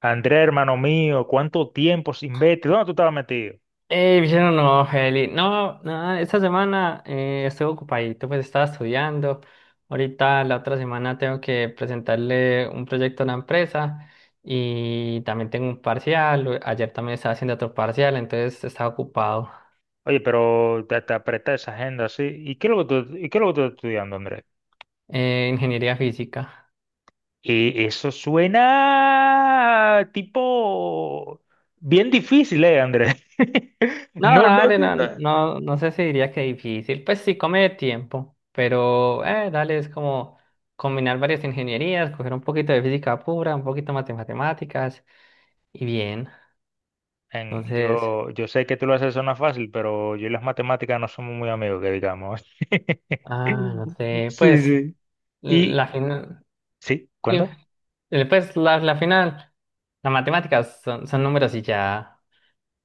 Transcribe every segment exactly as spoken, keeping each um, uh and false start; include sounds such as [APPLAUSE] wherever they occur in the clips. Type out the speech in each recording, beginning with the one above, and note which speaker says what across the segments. Speaker 1: Andrés, hermano mío, ¿cuánto tiempo sin verte? ¿Dónde tú estabas metido?
Speaker 2: Eh, Vicente, no, Heli. No, nada, esta semana eh, estuve ocupadito, pues estaba estudiando. Ahorita la otra semana tengo que presentarle un proyecto a una empresa y también tengo un parcial. o- Ayer también estaba haciendo otro parcial, entonces estaba ocupado.
Speaker 1: Oye, pero te, te apreté esa agenda así. ¿Y qué es lo que tú, y qué es lo que tú estás estudiando, Andrés?
Speaker 2: Eh, ingeniería física.
Speaker 1: Y eso suena tipo bien difícil, ¿eh, Andrés? [LAUGHS]
Speaker 2: No,
Speaker 1: No, no,
Speaker 2: dale,
Speaker 1: no.
Speaker 2: no,
Speaker 1: No.
Speaker 2: no, no sé si diría que difícil. Pues sí, come de tiempo, pero eh, dale, es como combinar varias ingenierías, coger un poquito de física pura, un poquito más de matemáticas y bien.
Speaker 1: En-
Speaker 2: Entonces,
Speaker 1: yo, yo sé que tú lo haces sonar fácil, pero yo y las matemáticas no somos muy amigos, que digamos. [LAUGHS]
Speaker 2: ah, no sé, pues
Speaker 1: Sí, sí.
Speaker 2: la
Speaker 1: Y,
Speaker 2: final,
Speaker 1: sí,
Speaker 2: pues
Speaker 1: cuenta.
Speaker 2: la, la final, las matemáticas son, son números y ya.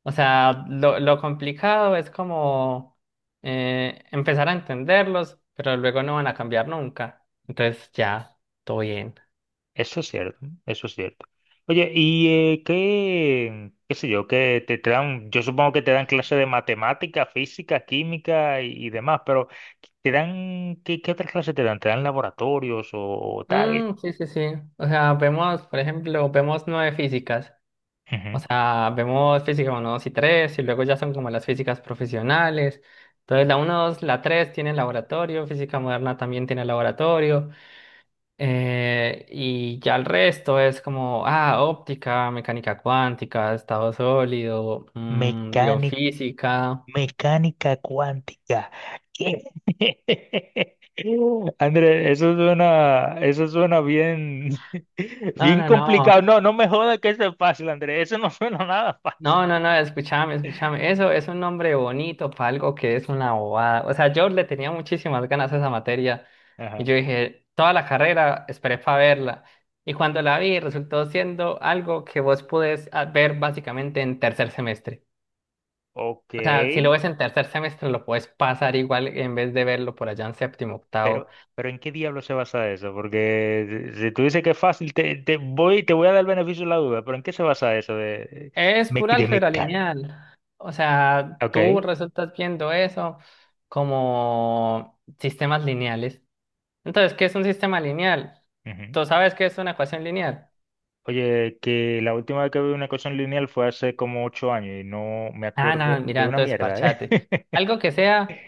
Speaker 2: O sea, lo, lo complicado es como eh, empezar a entenderlos, pero luego no van a cambiar nunca. Entonces ya, todo bien.
Speaker 1: Eso es cierto, eso es cierto. Oye, ¿y eh, qué, qué, sé yo, qué te dan, yo supongo que te dan clases de matemática, física, química y, y demás, pero te dan, ¿qué, qué otras clases te dan? ¿Te dan laboratorios o tal?
Speaker 2: Mm, sí, sí, sí. O sea, vemos, por ejemplo, vemos nueve físicas. O
Speaker 1: Ujú.
Speaker 2: sea, vemos física uno dos y tres y luego ya son como las físicas profesionales. Entonces, la uno dos la tres tiene laboratorio, física moderna también tiene laboratorio, eh, y ya el resto es como, ah, óptica, mecánica cuántica, estado sólido, mm,
Speaker 1: Mecánica,
Speaker 2: biofísica.
Speaker 1: mecánica cuántica. ¿Qué? [LAUGHS] André, eso suena, eso suena bien, [LAUGHS]
Speaker 2: No,
Speaker 1: bien
Speaker 2: no, no.
Speaker 1: complicado. No, no me jodas que eso es fácil, André. Eso no suena nada fácil.
Speaker 2: No, no, no, escúchame,
Speaker 1: [LAUGHS]
Speaker 2: escúchame. Eso es un nombre bonito para algo que es una bobada. O sea, yo le tenía muchísimas ganas a esa materia y
Speaker 1: Ajá.
Speaker 2: yo dije, toda la carrera esperé para verla. Y cuando la vi, resultó siendo algo que vos podés ah, ver básicamente en tercer semestre.
Speaker 1: Ok,
Speaker 2: O sea, si lo ves en tercer semestre, lo puedes pasar igual en vez de verlo por allá en séptimo, octavo.
Speaker 1: pero, pero ¿en qué diablo se basa eso? Porque si si tú dices que es fácil, te, te voy, te voy a dar el beneficio de la duda, pero ¿en qué se basa eso de,
Speaker 2: Es
Speaker 1: me-
Speaker 2: pura
Speaker 1: de,
Speaker 2: álgebra
Speaker 1: mecánica?
Speaker 2: lineal. O sea,
Speaker 1: Ok.
Speaker 2: tú resultas viendo eso como sistemas lineales. Entonces, ¿qué es un sistema lineal?
Speaker 1: Ujú.
Speaker 2: ¿Tú sabes qué es una ecuación lineal?
Speaker 1: Oye, que la última vez que vi una ecuación lineal fue hace como ocho años y no me
Speaker 2: Ah, no,
Speaker 1: acuerdo
Speaker 2: mira,
Speaker 1: de una
Speaker 2: entonces
Speaker 1: mierda, ¿eh?
Speaker 2: parchate.
Speaker 1: [LAUGHS]
Speaker 2: Algo que sea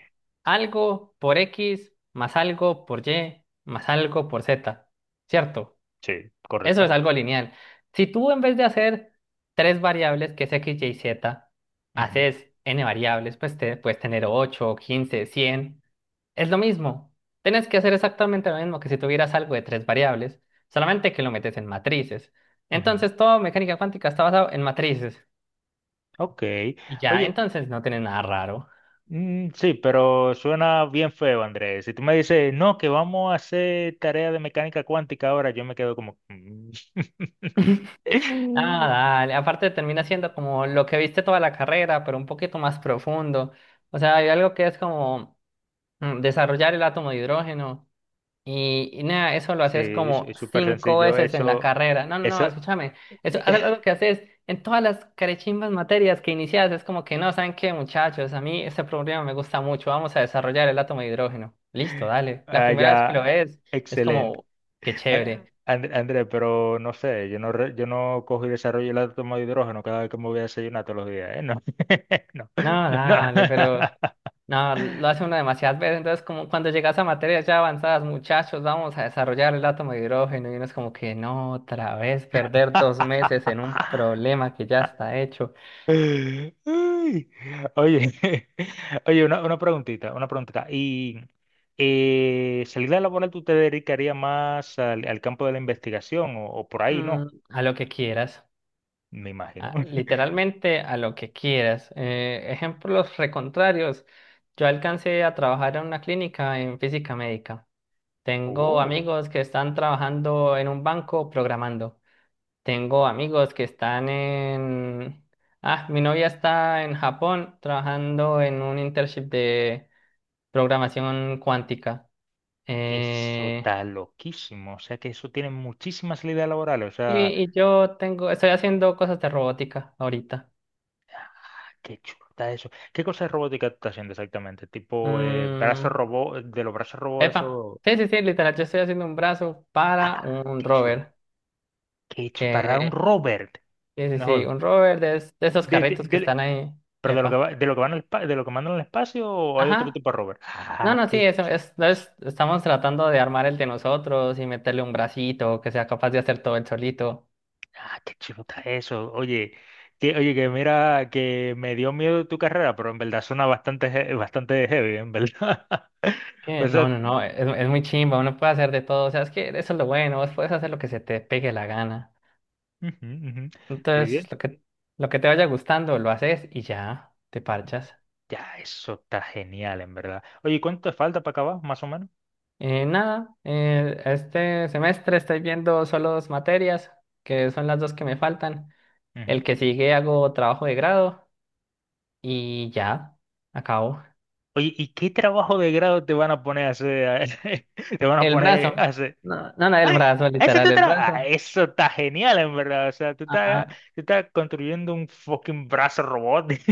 Speaker 2: algo por X más algo por Y más algo por Z, ¿cierto?
Speaker 1: Sí,
Speaker 2: Eso es
Speaker 1: correcto.
Speaker 2: algo lineal. Si tú en vez de hacer tres variables, que es X, Y, Z,
Speaker 1: Ujú,
Speaker 2: haces n variables, pues te puedes tener ocho, quince, cien. Es lo mismo. Tienes que hacer exactamente lo mismo que si tuvieras algo de tres variables, solamente que lo metes en matrices.
Speaker 1: ujú.
Speaker 2: Entonces, toda mecánica cuántica está basado en matrices.
Speaker 1: Ok.
Speaker 2: Y ya,
Speaker 1: Oye,
Speaker 2: entonces no tiene nada raro.
Speaker 1: Mm, sí, pero suena bien feo, Andrés. Si tú me dices, no, que vamos a hacer tarea de mecánica cuántica ahora, yo me quedo como "Mm". [LAUGHS]
Speaker 2: Ah, dale. Aparte termina siendo como lo que viste toda la carrera, pero un poquito más profundo. O sea, hay algo que es como mm, desarrollar el átomo de hidrógeno. Y, y nada, eso lo
Speaker 1: Sí,
Speaker 2: haces
Speaker 1: es
Speaker 2: como
Speaker 1: es súper
Speaker 2: cinco
Speaker 1: sencillo.
Speaker 2: veces en la
Speaker 1: Eso,
Speaker 2: carrera. No, no, no,
Speaker 1: eso,
Speaker 2: escúchame. Eso es
Speaker 1: [LAUGHS]
Speaker 2: algo que haces en todas las carechimbas materias que inicias. Es como que no, ¿saben qué, muchachos? A mí este problema me gusta mucho. Vamos a desarrollar el átomo de hidrógeno. Listo, dale. La
Speaker 1: ah,
Speaker 2: primera vez que lo
Speaker 1: ya,
Speaker 2: ves, es
Speaker 1: excelente.
Speaker 2: como, qué
Speaker 1: Ah,
Speaker 2: chévere.
Speaker 1: And- Andrés, pero no sé, yo no, re- yo no cojo y desarrollo el átomo de hidrógeno cada vez que me voy a desayunar todos los días, ¿eh? No, [LAUGHS] no,
Speaker 2: No,
Speaker 1: no.
Speaker 2: dale, pero no, lo hace uno demasiadas veces, entonces como cuando llegas a materias ya avanzadas, muchachos, vamos a desarrollar el átomo de hidrógeno y uno es como que no, otra vez perder dos meses en un
Speaker 1: [LAUGHS]
Speaker 2: problema que ya está hecho.
Speaker 1: Ay, oye, [LAUGHS] oye, una, una preguntita, una preguntita. Y eh, salida laboral, ¿tú te dedicarías más al, al campo de la investigación o, o por ahí, no?
Speaker 2: Mm, a lo que quieras,
Speaker 1: Me imagino.
Speaker 2: a-
Speaker 1: [LAUGHS]
Speaker 2: literalmente a lo que quieras. Eh, ejemplos recontrarios, yo alcancé a trabajar en una clínica en física médica. Tengo
Speaker 1: Oh,
Speaker 2: amigos que están trabajando en un banco programando. Tengo amigos que están en... Ah, mi novia está en Japón trabajando en un internship de programación cuántica.
Speaker 1: eso
Speaker 2: Eh,
Speaker 1: está loquísimo. O sea que eso tiene muchísimas salidas laborales. O sea,
Speaker 2: y, y yo tengo, estoy haciendo cosas de robótica ahorita.
Speaker 1: ah, qué chulo está eso. ¿Qué cosa de robótica tú estás haciendo exactamente? Tipo, eh, brazos
Speaker 2: Mm,
Speaker 1: robot, de los brazos robot,
Speaker 2: epa,
Speaker 1: eso.
Speaker 2: sí, sí, sí, literal, yo estoy haciendo un brazo para
Speaker 1: Ah,
Speaker 2: un
Speaker 1: qué chulo.
Speaker 2: rover.
Speaker 1: Qué chulo. Para un
Speaker 2: Que,
Speaker 1: Robert.
Speaker 2: sí, sí,
Speaker 1: No
Speaker 2: sí,
Speaker 1: jodas.
Speaker 2: un rover de, es- de esos
Speaker 1: De, de,
Speaker 2: carritos que
Speaker 1: de-
Speaker 2: están ahí.
Speaker 1: ¿Pero de lo que
Speaker 2: Epa.
Speaker 1: va, de lo que van al pa- de lo que mandan al espacio o hay otro
Speaker 2: Ajá.
Speaker 1: tipo de rover?
Speaker 2: No,
Speaker 1: Ah,
Speaker 2: no, sí,
Speaker 1: qué,
Speaker 2: eso es, es- estamos tratando de armar el de nosotros y meterle un bracito que sea capaz de hacer todo el solito.
Speaker 1: ah, qué chulo está eso. Oye, que, oye, que mira, que me dio miedo tu carrera, pero en verdad suena bastante, he- bastante heavy, en verdad. [LAUGHS]
Speaker 2: Eh,
Speaker 1: O
Speaker 2: no,
Speaker 1: sea,
Speaker 2: no, no, es, es muy chimba, uno puede hacer de todo, o sea, es que eso es lo bueno, vos puedes hacer lo que se te pegue la gana.
Speaker 1: ujú, ujú. ¿Estoy
Speaker 2: Entonces,
Speaker 1: bien?
Speaker 2: lo que, lo que te vaya gustando, lo haces y ya, te parchas.
Speaker 1: Ya, eso está genial, en verdad. Oye, ¿cuánto te falta para acabar, más o menos?
Speaker 2: Eh, nada, eh, este semestre estoy viendo solo dos materias, que son las dos que me faltan. El
Speaker 1: Ujú.
Speaker 2: que sigue hago trabajo de grado y ya, acabo.
Speaker 1: Oye, ¿y qué trabajo de grado te van a poner a hacer? [LAUGHS] Te van a
Speaker 2: El
Speaker 1: poner a
Speaker 2: brazo.
Speaker 1: hacer.
Speaker 2: No, no, no, el
Speaker 1: Ah,
Speaker 2: brazo,
Speaker 1: ese es
Speaker 2: literal,
Speaker 1: tu
Speaker 2: el
Speaker 1: trabajo.
Speaker 2: brazo.
Speaker 1: Ah, eso está genial, en verdad. O sea, tú
Speaker 2: Ajá,
Speaker 1: estás, tú estás construyendo un fucking brazo robot. [LAUGHS]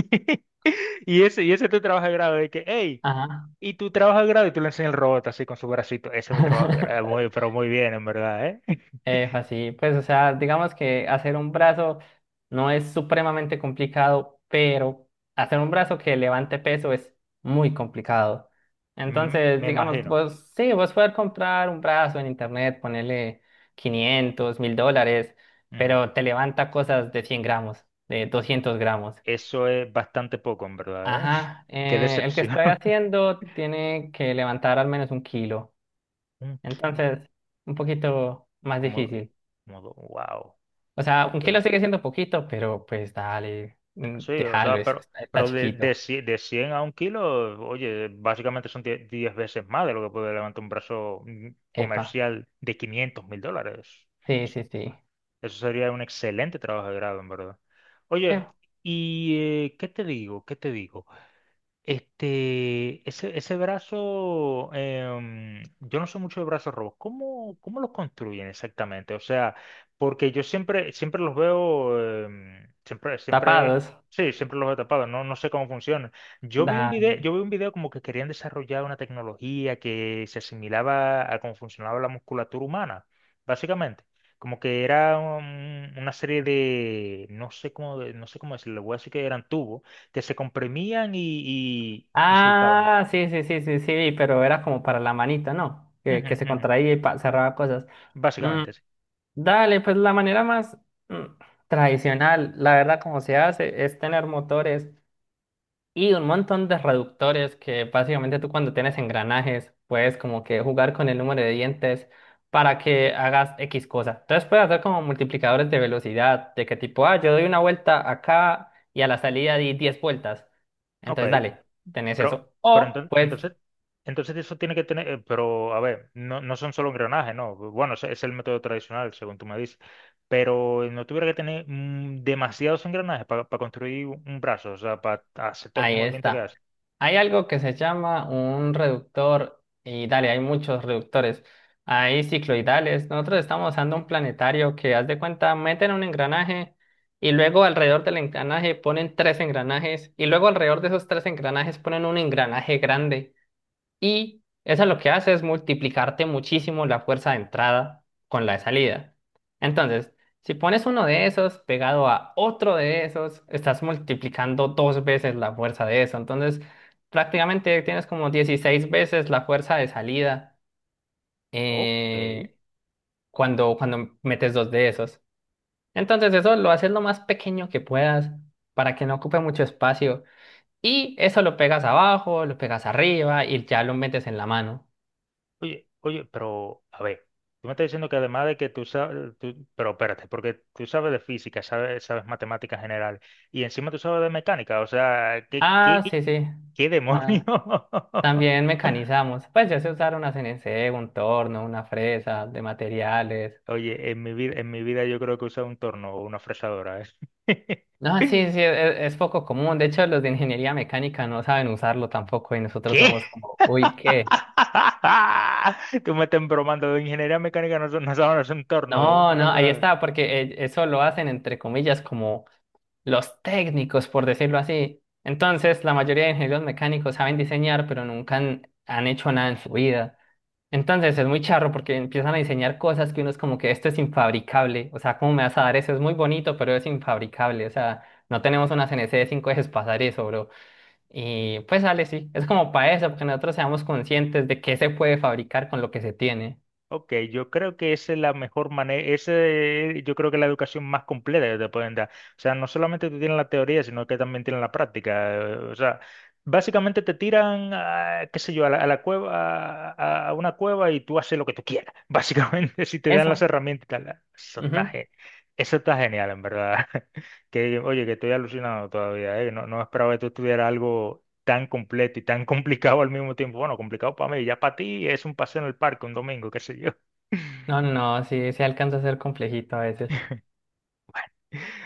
Speaker 1: Y ese, y ese es tu trabajo de grado. De que, hey,
Speaker 2: ajá.
Speaker 1: y tu trabajo de grado, y tú le enseñas el robot así con su bracito. Ese es mi trabajo de grado.
Speaker 2: [LAUGHS]
Speaker 1: Muy, pero muy bien, en verdad, ¿eh? [LAUGHS]
Speaker 2: Efa, sí, pues, o sea, digamos que hacer un brazo no es supremamente complicado, pero hacer un brazo que levante peso es muy complicado.
Speaker 1: Mm,
Speaker 2: Entonces,
Speaker 1: me
Speaker 2: digamos,
Speaker 1: imagino.
Speaker 2: vos, sí, vos puedes comprar un brazo en internet, ponerle quinientos mil dólares,
Speaker 1: Ujú.
Speaker 2: pero te levanta cosas de cien gramos, de doscientos gramos.
Speaker 1: Eso es bastante poco, en verdad, ¿eh? [LAUGHS]
Speaker 2: Ajá,
Speaker 1: Qué
Speaker 2: eh, el que
Speaker 1: decepción.
Speaker 2: estoy
Speaker 1: [LAUGHS]
Speaker 2: haciendo tiene que levantar al menos un kilo.
Speaker 1: Un kilo,
Speaker 2: Entonces, un poquito más
Speaker 1: como,
Speaker 2: difícil.
Speaker 1: como, wow.
Speaker 2: O sea, un
Speaker 1: Ok.
Speaker 2: kilo sigue siendo poquito, pero pues dale, mm,
Speaker 1: Sí, o
Speaker 2: déjalo,
Speaker 1: sea,
Speaker 2: es-
Speaker 1: pero,
Speaker 2: está, está
Speaker 1: pero de,
Speaker 2: chiquito.
Speaker 1: de, cien de cien a un kilo, oye, básicamente son diez, diez veces más de lo que puede levantar un brazo mm,
Speaker 2: Epa,
Speaker 1: comercial de quinientos mil dólares.
Speaker 2: sí, sí, sí.
Speaker 1: Eso sería un excelente trabajo de grado, en verdad.
Speaker 2: Eh,
Speaker 1: Oye, ¿y eh, qué te digo? ¿Qué te digo? Este, ese, ese brazo, em, yo no sé mucho de brazos robos. ¿Cómo, cómo los construyen exactamente? O sea, porque yo siempre, siempre los veo, em, siempre, siempre,
Speaker 2: tapados.
Speaker 1: sí, siempre los veo tapados. No, no sé cómo funcionan. Yo vi un video,
Speaker 2: Dale.
Speaker 1: yo vi un video como que querían desarrollar una tecnología que se asimilaba a cómo funcionaba la musculatura humana, básicamente. Como que era un- una serie de, no sé cómo, de- no sé cómo decirlo, le voy a decir que eran tubos que se comprimían y, y, y soltaban.
Speaker 2: Ah, sí, sí, sí, sí, sí, pero era como para la manita, ¿no? Que,
Speaker 1: Ujú,
Speaker 2: que se
Speaker 1: ujú.
Speaker 2: contraía y pa- cerraba cosas. Mm,
Speaker 1: Básicamente, sí.
Speaker 2: dale, pues la manera más mm, tradicional, la verdad, como se hace, es tener motores. Y un montón de reductores que básicamente tú cuando tienes engranajes puedes como que jugar con el número de dientes para que hagas X cosa. Entonces puedes hacer como multiplicadores de velocidad, de que tipo, ah, yo doy una vuelta acá y a la salida di diez vueltas.
Speaker 1: Ok,
Speaker 2: Entonces dale, tenés
Speaker 1: pero,
Speaker 2: eso.
Speaker 1: pero
Speaker 2: O
Speaker 1: enton-
Speaker 2: puedes
Speaker 1: entonces, entonces eso tiene que tener, eh, pero a ver, no, no son solo engranajes, no. Bueno, ese es el método tradicional, según tú me dices, pero eh, no tuviera que tener mm, demasiados engranajes para construir un un brazo, o sea, para hacer todos los
Speaker 2: ahí
Speaker 1: movimientos que
Speaker 2: está.
Speaker 1: hace.
Speaker 2: Hay algo que se llama un reductor, y dale, hay muchos reductores. Hay cicloidales. Nosotros estamos usando un planetario que, haz de cuenta, meten un engranaje y luego alrededor del engranaje ponen tres engranajes y luego alrededor de esos tres engranajes ponen un engranaje grande. Y eso lo que hace es multiplicarte muchísimo la fuerza de entrada con la de salida. Entonces, si pones uno de esos pegado a otro de esos, estás multiplicando dos veces la fuerza de eso. Entonces, prácticamente tienes como dieciséis veces la fuerza de salida
Speaker 1: Ok,
Speaker 2: eh, cuando, cuando metes dos de esos. Entonces, eso lo haces lo más pequeño que puedas para que no ocupe mucho espacio. Y eso lo pegas abajo, lo pegas arriba y ya lo metes en la mano.
Speaker 1: Oye, oye, pero a ver, tú me estás diciendo que además de que tú sabes, tú- pero espérate, porque tú sabes de física, sabes, sabes matemáticas general y encima tú sabes de mecánica, o sea, ¿qué, qué,
Speaker 2: Ah, sí, sí.
Speaker 1: qué demonios?
Speaker 2: Ah,
Speaker 1: [LAUGHS]
Speaker 2: también mecanizamos. Pues ya se usaron una C N C, un torno, una fresa de materiales.
Speaker 1: Oye, en mi vida, en mi vida yo creo que he usado un torno o una fresadora, ¿eh?
Speaker 2: No, sí,
Speaker 1: [LAUGHS]
Speaker 2: sí, es, es poco común. De hecho, los de ingeniería mecánica no saben usarlo tampoco y nosotros
Speaker 1: ¿Qué?
Speaker 2: somos como, uy, ¿qué?
Speaker 1: [LAUGHS] Tú me estás bromando de ingeniería mecánica, no, son- no sabes, no es un torno,
Speaker 2: No,
Speaker 1: una
Speaker 2: no, ahí
Speaker 1: fresadora.
Speaker 2: está, porque eh, eso lo hacen entre comillas como los técnicos, por decirlo así. Entonces, la mayoría de ingenieros mecánicos saben diseñar, pero nunca han, han hecho nada en su vida. Entonces es muy charro porque empiezan a diseñar cosas que uno es como que esto es infabricable. O sea, ¿cómo me vas a dar eso? Es muy bonito, pero es infabricable. O sea, no tenemos una C N C de cinco ejes para hacer eso, bro. Y pues sale, sí. Es como para eso, porque nosotros seamos conscientes de qué se puede fabricar con lo que se tiene.
Speaker 1: Ok, yo creo que esa es la mejor manera, ese, eh, yo creo que es la educación más completa que te pueden dar. O sea, no solamente te tienen la teoría, sino que también tienen la práctica. eh, O sea, básicamente te tiran, a, qué sé yo, a la, a la cueva, a, a una cueva y tú haces lo que tú quieras. [LAUGHS] Básicamente, si te dan las
Speaker 2: Eso.
Speaker 1: herramientas, y tal. Ah, eso está,
Speaker 2: Ujú.
Speaker 1: ge- eso está genial, en verdad. [LAUGHS] Que, oye, que estoy alucinado todavía, ¿eh? No, no esperaba que tú tuvieras algo tan completo y tan [LAUGHS] complicado al mismo tiempo. Bueno, complicado para mí, ya para ti es un paseo en el parque un domingo, qué sé yo. [LAUGHS]
Speaker 2: No, no, no, sí, sí alcanza a ser complejito a veces.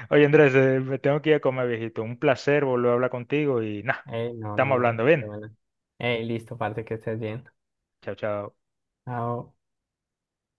Speaker 1: Oye, Andrés, eh, me tengo que ir a comer, viejito. Un placer volver a hablar contigo y nada,
Speaker 2: Ey, no, no,
Speaker 1: estamos hablando
Speaker 2: no. De
Speaker 1: bien.
Speaker 2: buena. Ey, listo, parte que estés bien.
Speaker 1: Chao, chao.
Speaker 2: Chao.